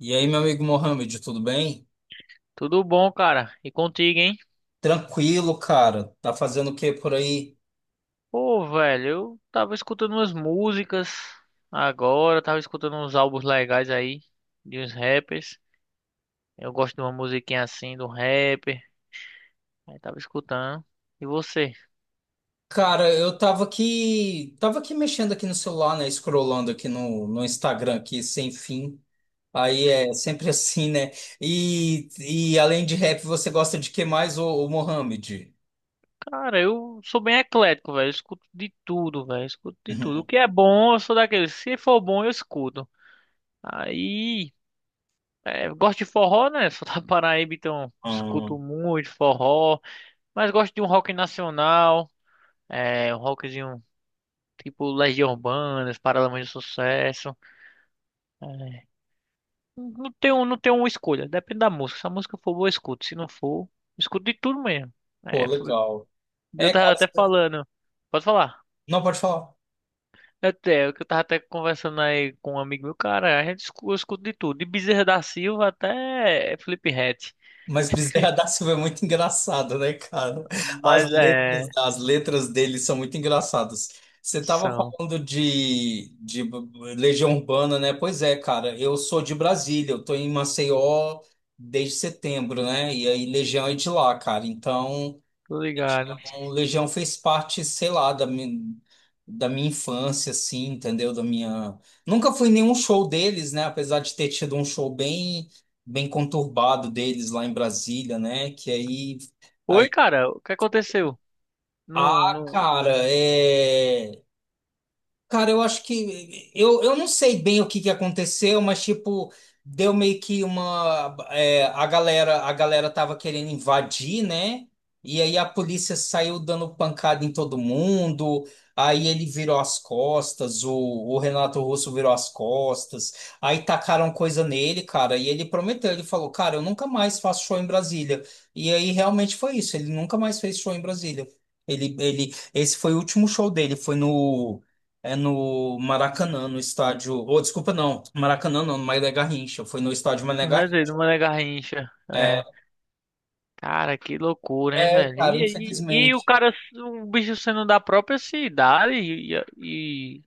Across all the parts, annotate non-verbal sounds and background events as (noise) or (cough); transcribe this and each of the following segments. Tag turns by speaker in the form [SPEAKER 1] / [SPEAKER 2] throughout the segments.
[SPEAKER 1] E aí, meu amigo Mohamed, tudo bem?
[SPEAKER 2] Tudo bom, cara? E contigo, hein?
[SPEAKER 1] Tranquilo, cara. Tá fazendo o que por aí?
[SPEAKER 2] Pô, velho, eu tava escutando umas músicas agora, tava escutando uns álbuns legais aí de uns rappers. Eu gosto de uma musiquinha assim, do rapper. Aí tava escutando. E você?
[SPEAKER 1] Cara, eu tava aqui, mexendo aqui no celular, né? Scrollando aqui no Instagram aqui, sem fim. Aí é sempre (laughs) assim, né? E, e além de rap, você gosta de que mais, ô Mohamed?
[SPEAKER 2] Cara, eu sou bem eclético, velho. Eu escuto de tudo, velho. Eu escuto de tudo. O
[SPEAKER 1] (laughs)
[SPEAKER 2] que é bom, eu sou daquele. Se for bom, eu escuto. Aí, é, eu gosto de forró, né? (laughs) Sou da Paraíba, então escuto
[SPEAKER 1] Hum.
[SPEAKER 2] muito forró. Mas gosto de um rock nacional. É, um rockzinho tipo Legião Urbana, Paralamas do Sucesso. É, não tenho uma escolha, depende da música. Se a música for boa, eu escuto. Se não for, eu escuto de tudo mesmo.
[SPEAKER 1] Pô,
[SPEAKER 2] É, f-
[SPEAKER 1] legal.
[SPEAKER 2] eu
[SPEAKER 1] É,
[SPEAKER 2] tava
[SPEAKER 1] cara,
[SPEAKER 2] até falando. Pode falar.
[SPEAKER 1] não pode falar.
[SPEAKER 2] Até, o que eu tava até conversando aí com um amigo meu, cara, eu escuto de tudo, de Bezerra da Silva até Felipe Fliphead.
[SPEAKER 1] Mas Bezerra da Silva é muito engraçado, né, cara?
[SPEAKER 2] Mas
[SPEAKER 1] As
[SPEAKER 2] é,
[SPEAKER 1] letras, as letras dele são muito engraçadas. Você estava
[SPEAKER 2] são,
[SPEAKER 1] falando de Legião Urbana, né? Pois é, cara. Eu sou de Brasília, eu tô em Maceió desde setembro, né? E aí Legião é de lá, cara. Então.
[SPEAKER 2] tô ligado.
[SPEAKER 1] O Legião fez parte, sei lá, da minha infância, assim, entendeu? Da minha. Nunca fui em nenhum show deles, né? Apesar de ter tido um show bem conturbado deles lá em Brasília, né?
[SPEAKER 2] Oi,
[SPEAKER 1] Aí...
[SPEAKER 2] cara, o que aconteceu? Não,
[SPEAKER 1] Ah,
[SPEAKER 2] não,
[SPEAKER 1] cara, é. Cara, eu acho que eu não sei bem o que que aconteceu, mas tipo, deu meio que uma é, a galera tava querendo invadir, né? E aí a polícia saiu dando pancada em todo mundo. Aí ele virou as costas, o Renato Russo virou as costas. Aí tacaram coisa nele, cara, e ele prometeu, ele falou: "Cara, eu nunca mais faço show em Brasília." E aí realmente foi isso, ele nunca mais fez show em Brasília. Esse foi o último show dele, foi no no Maracanã, no estádio. Ou, desculpa, não. Maracanã não, no Mané Garrincha. Foi no estádio Mané
[SPEAKER 2] não, não
[SPEAKER 1] Garrincha.
[SPEAKER 2] é Mané Garrincha. É.
[SPEAKER 1] É,
[SPEAKER 2] Cara, que loucura, hein,
[SPEAKER 1] é,
[SPEAKER 2] velho?
[SPEAKER 1] cara,
[SPEAKER 2] E, e o
[SPEAKER 1] infelizmente.
[SPEAKER 2] cara, o bicho sendo da própria cidade e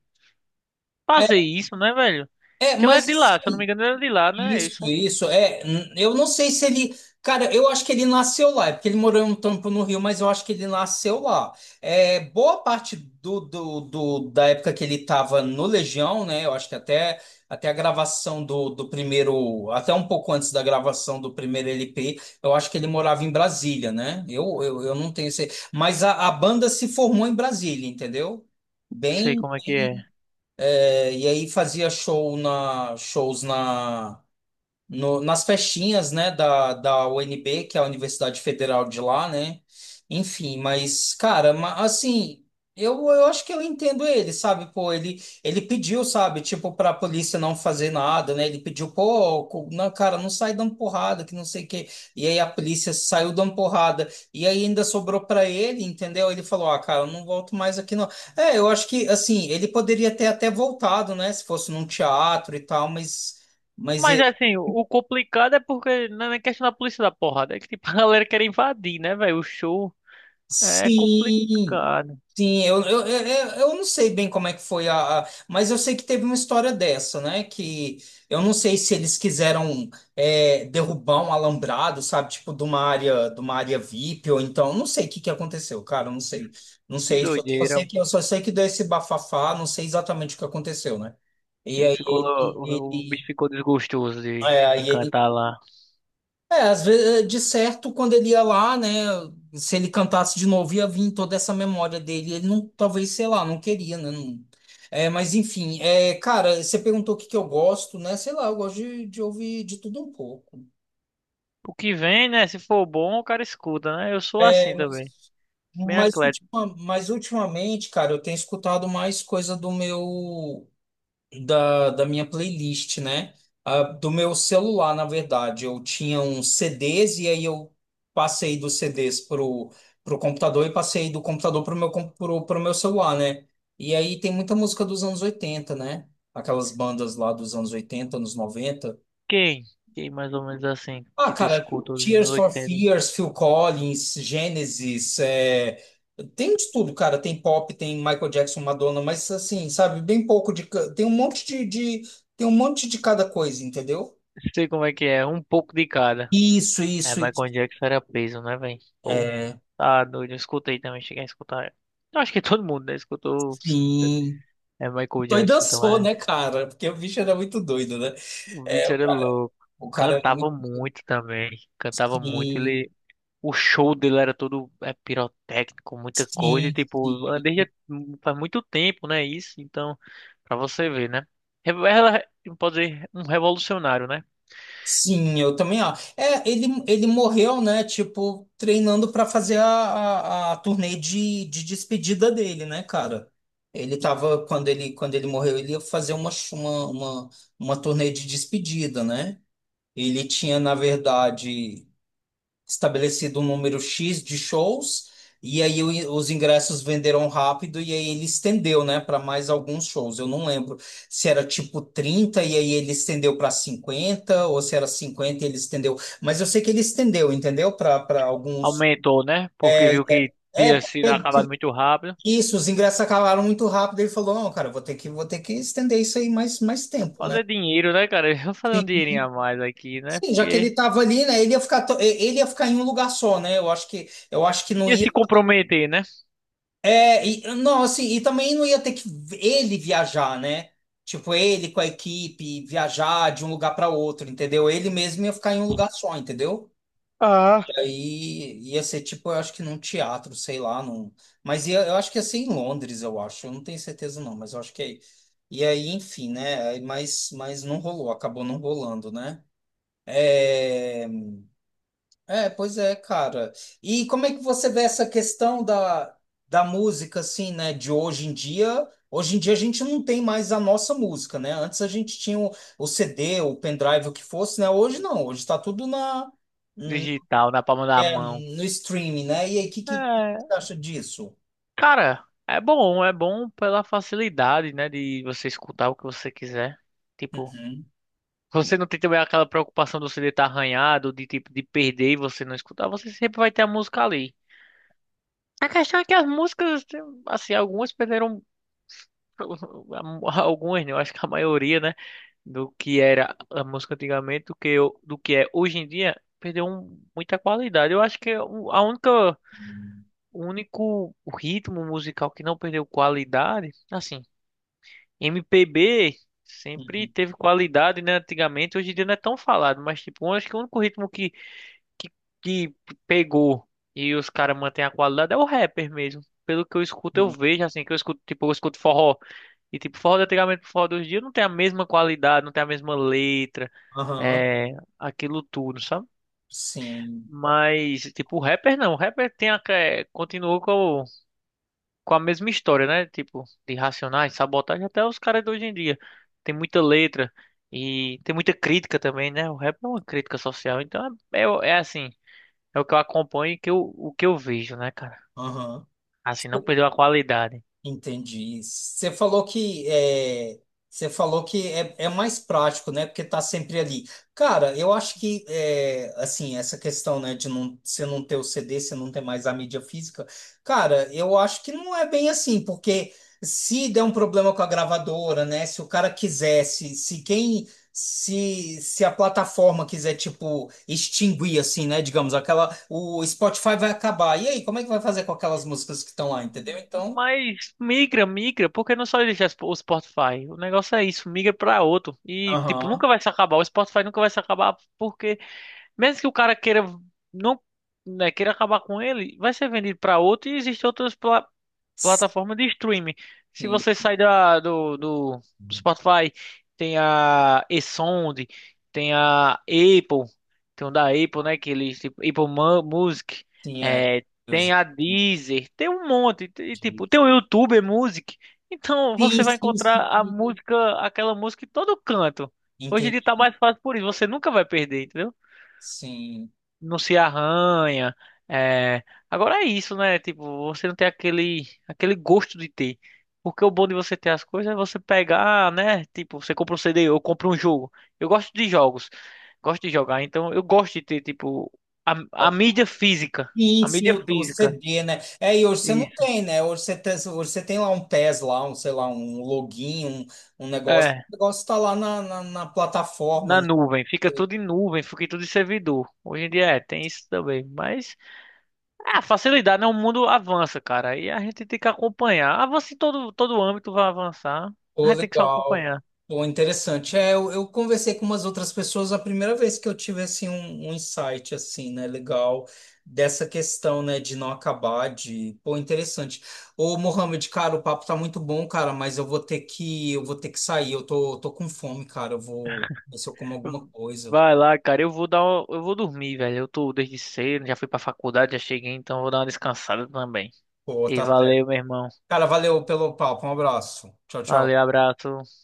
[SPEAKER 2] fazer
[SPEAKER 1] É,
[SPEAKER 2] isso, né, velho?
[SPEAKER 1] é,
[SPEAKER 2] Que ele é
[SPEAKER 1] mas
[SPEAKER 2] de lá, se eu não me
[SPEAKER 1] assim,
[SPEAKER 2] engano, ele é de lá, né?
[SPEAKER 1] isso,
[SPEAKER 2] Isso eu
[SPEAKER 1] isso. É, eu não sei se ele. Cara, eu acho que ele nasceu lá, é porque ele morou um tempo no Rio, mas eu acho que ele nasceu lá. É, boa parte da época que ele estava no Legião, né? Eu acho até a gravação do primeiro. Até um pouco antes da gravação do primeiro LP, eu acho que ele morava em Brasília, né? Eu não tenho certeza. Mas a banda se formou em Brasília, entendeu?
[SPEAKER 2] não sei
[SPEAKER 1] Bem,
[SPEAKER 2] como é que é.
[SPEAKER 1] é, e aí fazia show shows na nas festinhas, né, da UNB, que é a Universidade Federal de lá, né? Enfim, mas, cara, assim, eu acho que eu entendo ele, sabe? Pô, ele pediu, sabe, tipo, pra polícia não fazer nada, né? Ele pediu, pô, não, cara, não sai dando porrada, que não sei o quê. E aí a polícia saiu dando porrada. E aí ainda sobrou pra ele, entendeu? Ele falou, ah, cara, eu não volto mais aqui, não. É, eu acho que, assim, ele poderia ter até voltado, né? Se fosse num teatro e tal, mas mas.
[SPEAKER 2] Mas assim, o complicado é porque não é questão da polícia da porrada, é que tipo, (laughs) a galera quer invadir, né, velho? O show é
[SPEAKER 1] Sim,
[SPEAKER 2] complicado.
[SPEAKER 1] sim, eu não sei bem como é que foi mas eu sei que teve uma história dessa, né? Que eu não sei se eles quiseram é, derrubar um alambrado, sabe? Tipo, de uma área VIP, ou então, não sei o que que aconteceu, cara, eu não sei. Não
[SPEAKER 2] Que
[SPEAKER 1] sei, só
[SPEAKER 2] doideira.
[SPEAKER 1] sei que, eu só sei que deu esse bafafá, não sei exatamente o que aconteceu, né? E aí
[SPEAKER 2] O bicho ficou desgostoso de
[SPEAKER 1] ele,
[SPEAKER 2] cantar lá.
[SPEAKER 1] é, às vezes, de certo, quando ele ia lá, né, se ele cantasse de novo, ia vir toda essa memória dele. Ele não, talvez, sei lá, não queria, né? É, mas enfim, é, cara, você perguntou o que que eu gosto, né? Sei lá, eu gosto de ouvir de tudo um pouco.
[SPEAKER 2] O que vem, né? Se for bom, o cara escuta, né? Eu sou
[SPEAKER 1] É,
[SPEAKER 2] assim
[SPEAKER 1] mas,
[SPEAKER 2] também. Bem.
[SPEAKER 1] mas ultimamente, cara, eu tenho escutado mais coisa do meu. Da minha playlist, né? Ah, do meu celular, na verdade. Eu tinha uns CDs e aí eu passei dos CDs pro computador e passei do computador pro meu celular, né? E aí tem muita música dos anos 80, né? Aquelas bandas lá dos anos 80 anos 90.
[SPEAKER 2] Quem? Quem mais ou menos assim
[SPEAKER 1] Ah,
[SPEAKER 2] que tu
[SPEAKER 1] cara,
[SPEAKER 2] escuta os anos
[SPEAKER 1] Tears for
[SPEAKER 2] 80?
[SPEAKER 1] Fears, Phil Collins, Genesis, é, tem de tudo, cara. Tem pop, tem Michael Jackson, Madonna, mas assim, sabe, bem pouco de. Tem um monte tem um monte de cada coisa, entendeu?
[SPEAKER 2] Sei como é que é, um pouco de cada.
[SPEAKER 1] Isso,
[SPEAKER 2] É,
[SPEAKER 1] isso, isso.
[SPEAKER 2] Michael Jackson era peso, né, velho? Pô,
[SPEAKER 1] É,
[SPEAKER 2] tá doido, eu escutei também, cheguei a escutar. Eu acho que todo mundo, né, escutou
[SPEAKER 1] sim.
[SPEAKER 2] é Michael
[SPEAKER 1] Doido
[SPEAKER 2] Jackson, então
[SPEAKER 1] dançou,
[SPEAKER 2] é.
[SPEAKER 1] né, cara? Porque o bicho era muito doido, né?
[SPEAKER 2] O
[SPEAKER 1] É,
[SPEAKER 2] bicho era louco.
[SPEAKER 1] o cara era
[SPEAKER 2] Cantava
[SPEAKER 1] muito.
[SPEAKER 2] muito também. Cantava muito,
[SPEAKER 1] Sim,
[SPEAKER 2] ele o show dele era todo é, pirotécnico, muita coisa, e,
[SPEAKER 1] sim,
[SPEAKER 2] tipo, é,
[SPEAKER 1] sim.
[SPEAKER 2] desde faz muito tempo, né? Isso, então, pra você ver, né? Ela pode dizer um revolucionário, né?
[SPEAKER 1] Sim, eu também acho. É, ele morreu, né? Tipo, treinando para fazer a turnê de despedida dele, né, cara? Ele tava, quando ele morreu, ele ia fazer uma, ch- uma turnê de despedida, né? Ele tinha, na verdade estabelecido um número X de shows, e aí os ingressos venderam rápido, e aí ele estendeu, né, para mais alguns shows. Eu não lembro se era tipo 30 e aí ele estendeu para 50 ou se era 50 e ele estendeu. Mas eu sei que ele estendeu, entendeu? Para alguns.
[SPEAKER 2] Aumentou, né? Porque viu que
[SPEAKER 1] É,
[SPEAKER 2] tinha sido acabado muito rápido.
[SPEAKER 1] isso, os ingressos acabaram muito rápido. Ele falou: não, cara, eu vou ter vou ter que estender isso aí mais
[SPEAKER 2] Ah,
[SPEAKER 1] tempo, né?
[SPEAKER 2] fazer dinheiro, né, cara? (laughs) Vou fazer
[SPEAKER 1] Sim,
[SPEAKER 2] um dinheirinho a mais aqui, né?
[SPEAKER 1] sim, já que ele
[SPEAKER 2] Porque
[SPEAKER 1] estava ali, né? Ele ia ficar em um lugar só, né? Eu acho eu acho que não
[SPEAKER 2] ia
[SPEAKER 1] ia.
[SPEAKER 2] se comprometer, né?
[SPEAKER 1] É, e, nossa, e também não ia ter que ele viajar, né? Tipo, ele com a equipe viajar de um lugar para outro, entendeu? Ele mesmo ia ficar em um lugar só, entendeu?
[SPEAKER 2] Ah,
[SPEAKER 1] E aí ia ser tipo, eu acho que num teatro, sei lá, num mas ia, eu acho que ia ser em Londres, eu acho. Eu não tenho certeza não, mas eu acho que é. E aí, enfim, né? Aí, mas, não rolou, acabou não rolando, né? É... É, pois é, cara. E como é que você vê essa questão da, da música, assim, né? De hoje em dia. Hoje em dia a gente não tem mais a nossa música, né? Antes a gente tinha o CD, o pendrive, o que fosse, né? Hoje não, hoje está tudo na,
[SPEAKER 2] digital, na palma da mão.
[SPEAKER 1] no streaming, né? E aí, o que
[SPEAKER 2] É,
[SPEAKER 1] você acha disso?
[SPEAKER 2] cara, é bom pela facilidade, né? De você escutar o que você quiser. Tipo,
[SPEAKER 1] Uhum.
[SPEAKER 2] você não tem também aquela preocupação do CD estar arranhado, de tipo de perder e você não escutar, você sempre vai ter a música ali. A questão é que as músicas, assim, algumas perderam (laughs) algumas, né? Eu acho que a maioria, né, do que era a música antigamente, do que eu, do que é hoje em dia, perdeu muita qualidade. Eu acho que a única, o único ritmo musical que não perdeu qualidade, assim, MPB sempre
[SPEAKER 1] Uhum.
[SPEAKER 2] teve qualidade, né? Antigamente, hoje em dia não é tão falado, mas tipo, eu acho que o único ritmo que pegou e os caras mantêm a qualidade é o rapper mesmo. Pelo que eu escuto, eu
[SPEAKER 1] Sim.
[SPEAKER 2] vejo assim, que eu escuto, tipo, eu escuto forró. E tipo, forró de antigamente pro forró de hoje em dia não tem a mesma qualidade, não tem a mesma letra,
[SPEAKER 1] Aham,
[SPEAKER 2] é, aquilo tudo, sabe?
[SPEAKER 1] sim.
[SPEAKER 2] Mas, tipo, o rapper não, o rapper tem a, é, continuou com a mesma história, né? Tipo, de Racionais, Sabotagem, até os caras de hoje em dia. Tem muita letra e tem muita crítica também, né? O rap é uma crítica social, então é, é, é assim, é o que eu acompanho e que eu, o que eu vejo, né, cara?
[SPEAKER 1] Aham.
[SPEAKER 2] Assim, não perdeu a qualidade.
[SPEAKER 1] Entendi. Você falou que é, é mais prático, né? Porque tá sempre ali. Cara, eu acho que é, assim, essa questão, né, de não, você não ter o CD, você não ter mais a mídia física, cara, eu acho que não é bem assim, porque se der um problema com a gravadora, né? Se o cara quisesse, se quem se a plataforma quiser, tipo, extinguir, assim, né? Digamos, aquela. O Spotify vai acabar. E aí, como é que vai fazer com aquelas músicas que estão lá, entendeu? Então.
[SPEAKER 2] Mas migra, migra, porque não só existe o Spotify. O negócio é isso, migra pra outro. E, tipo,
[SPEAKER 1] Aham.
[SPEAKER 2] nunca vai se acabar. O Spotify nunca vai se acabar, porque mesmo que o cara queira não né, queira acabar com ele, vai ser vendido pra outro e existem outras plataforma de streaming. Se
[SPEAKER 1] Sim,
[SPEAKER 2] você sai da, do Spotify, tem a eSound, tem a Apple, tem o da Apple, né? Que eles, tipo, Music,
[SPEAKER 1] sim, era.
[SPEAKER 2] é, tem
[SPEAKER 1] Deus,
[SPEAKER 2] a Deezer, tem um monte, e, tipo,
[SPEAKER 1] entendi.
[SPEAKER 2] tem o YouTube Music. Então
[SPEAKER 1] Sim,
[SPEAKER 2] você vai
[SPEAKER 1] sim,
[SPEAKER 2] encontrar
[SPEAKER 1] sim.
[SPEAKER 2] a música, aquela música em todo canto. Hoje em dia tá
[SPEAKER 1] Entendi.
[SPEAKER 2] mais fácil por isso, você nunca vai perder, entendeu?
[SPEAKER 1] Sim.
[SPEAKER 2] Não se arranha. É... Agora é isso, né? Tipo, você não tem aquele, aquele gosto de ter. Porque o bom de você ter as coisas é você pegar, né? Tipo, você compra um CD, eu compro um jogo. Eu gosto de jogos, gosto de jogar, então eu gosto de ter, tipo, a
[SPEAKER 1] Ah,
[SPEAKER 2] mídia física.
[SPEAKER 1] sim,
[SPEAKER 2] A
[SPEAKER 1] sim,
[SPEAKER 2] mídia
[SPEAKER 1] o
[SPEAKER 2] física.
[SPEAKER 1] CD, né? É, e hoje você não
[SPEAKER 2] Isso.
[SPEAKER 1] tem, né? Hoje você tem lá um PES, lá, um, sei lá, um login, um negócio.
[SPEAKER 2] É,
[SPEAKER 1] O negócio está lá na plataforma.
[SPEAKER 2] na nuvem. Fica tudo em nuvem, fica tudo em servidor. Hoje em dia é, tem isso também. Mas ah, facilidade, né? O mundo avança, cara. E a gente tem que acompanhar. Avança em todo, todo âmbito, vai avançar. A
[SPEAKER 1] Pô,
[SPEAKER 2] gente tem que só
[SPEAKER 1] legal.
[SPEAKER 2] acompanhar.
[SPEAKER 1] Pô, interessante. É, eu conversei com umas outras pessoas a primeira vez que eu tive assim, um insight assim, né? Legal, dessa questão, né, de não acabar, de. Pô, interessante. Ô, Mohamed, cara, o papo tá muito bom, cara, mas eu vou ter eu vou ter que sair. Tô com fome, cara. Eu vou ver se eu como alguma coisa.
[SPEAKER 2] Vai lá, cara. Eu vou dormir, velho. Eu tô desde cedo, já fui pra faculdade, já cheguei, então eu vou dar uma descansada também.
[SPEAKER 1] Pô,
[SPEAKER 2] E
[SPEAKER 1] tá certo.
[SPEAKER 2] valeu, meu irmão.
[SPEAKER 1] Cara, valeu pelo papo. Um abraço. Tchau,
[SPEAKER 2] Valeu,
[SPEAKER 1] tchau.
[SPEAKER 2] abraço.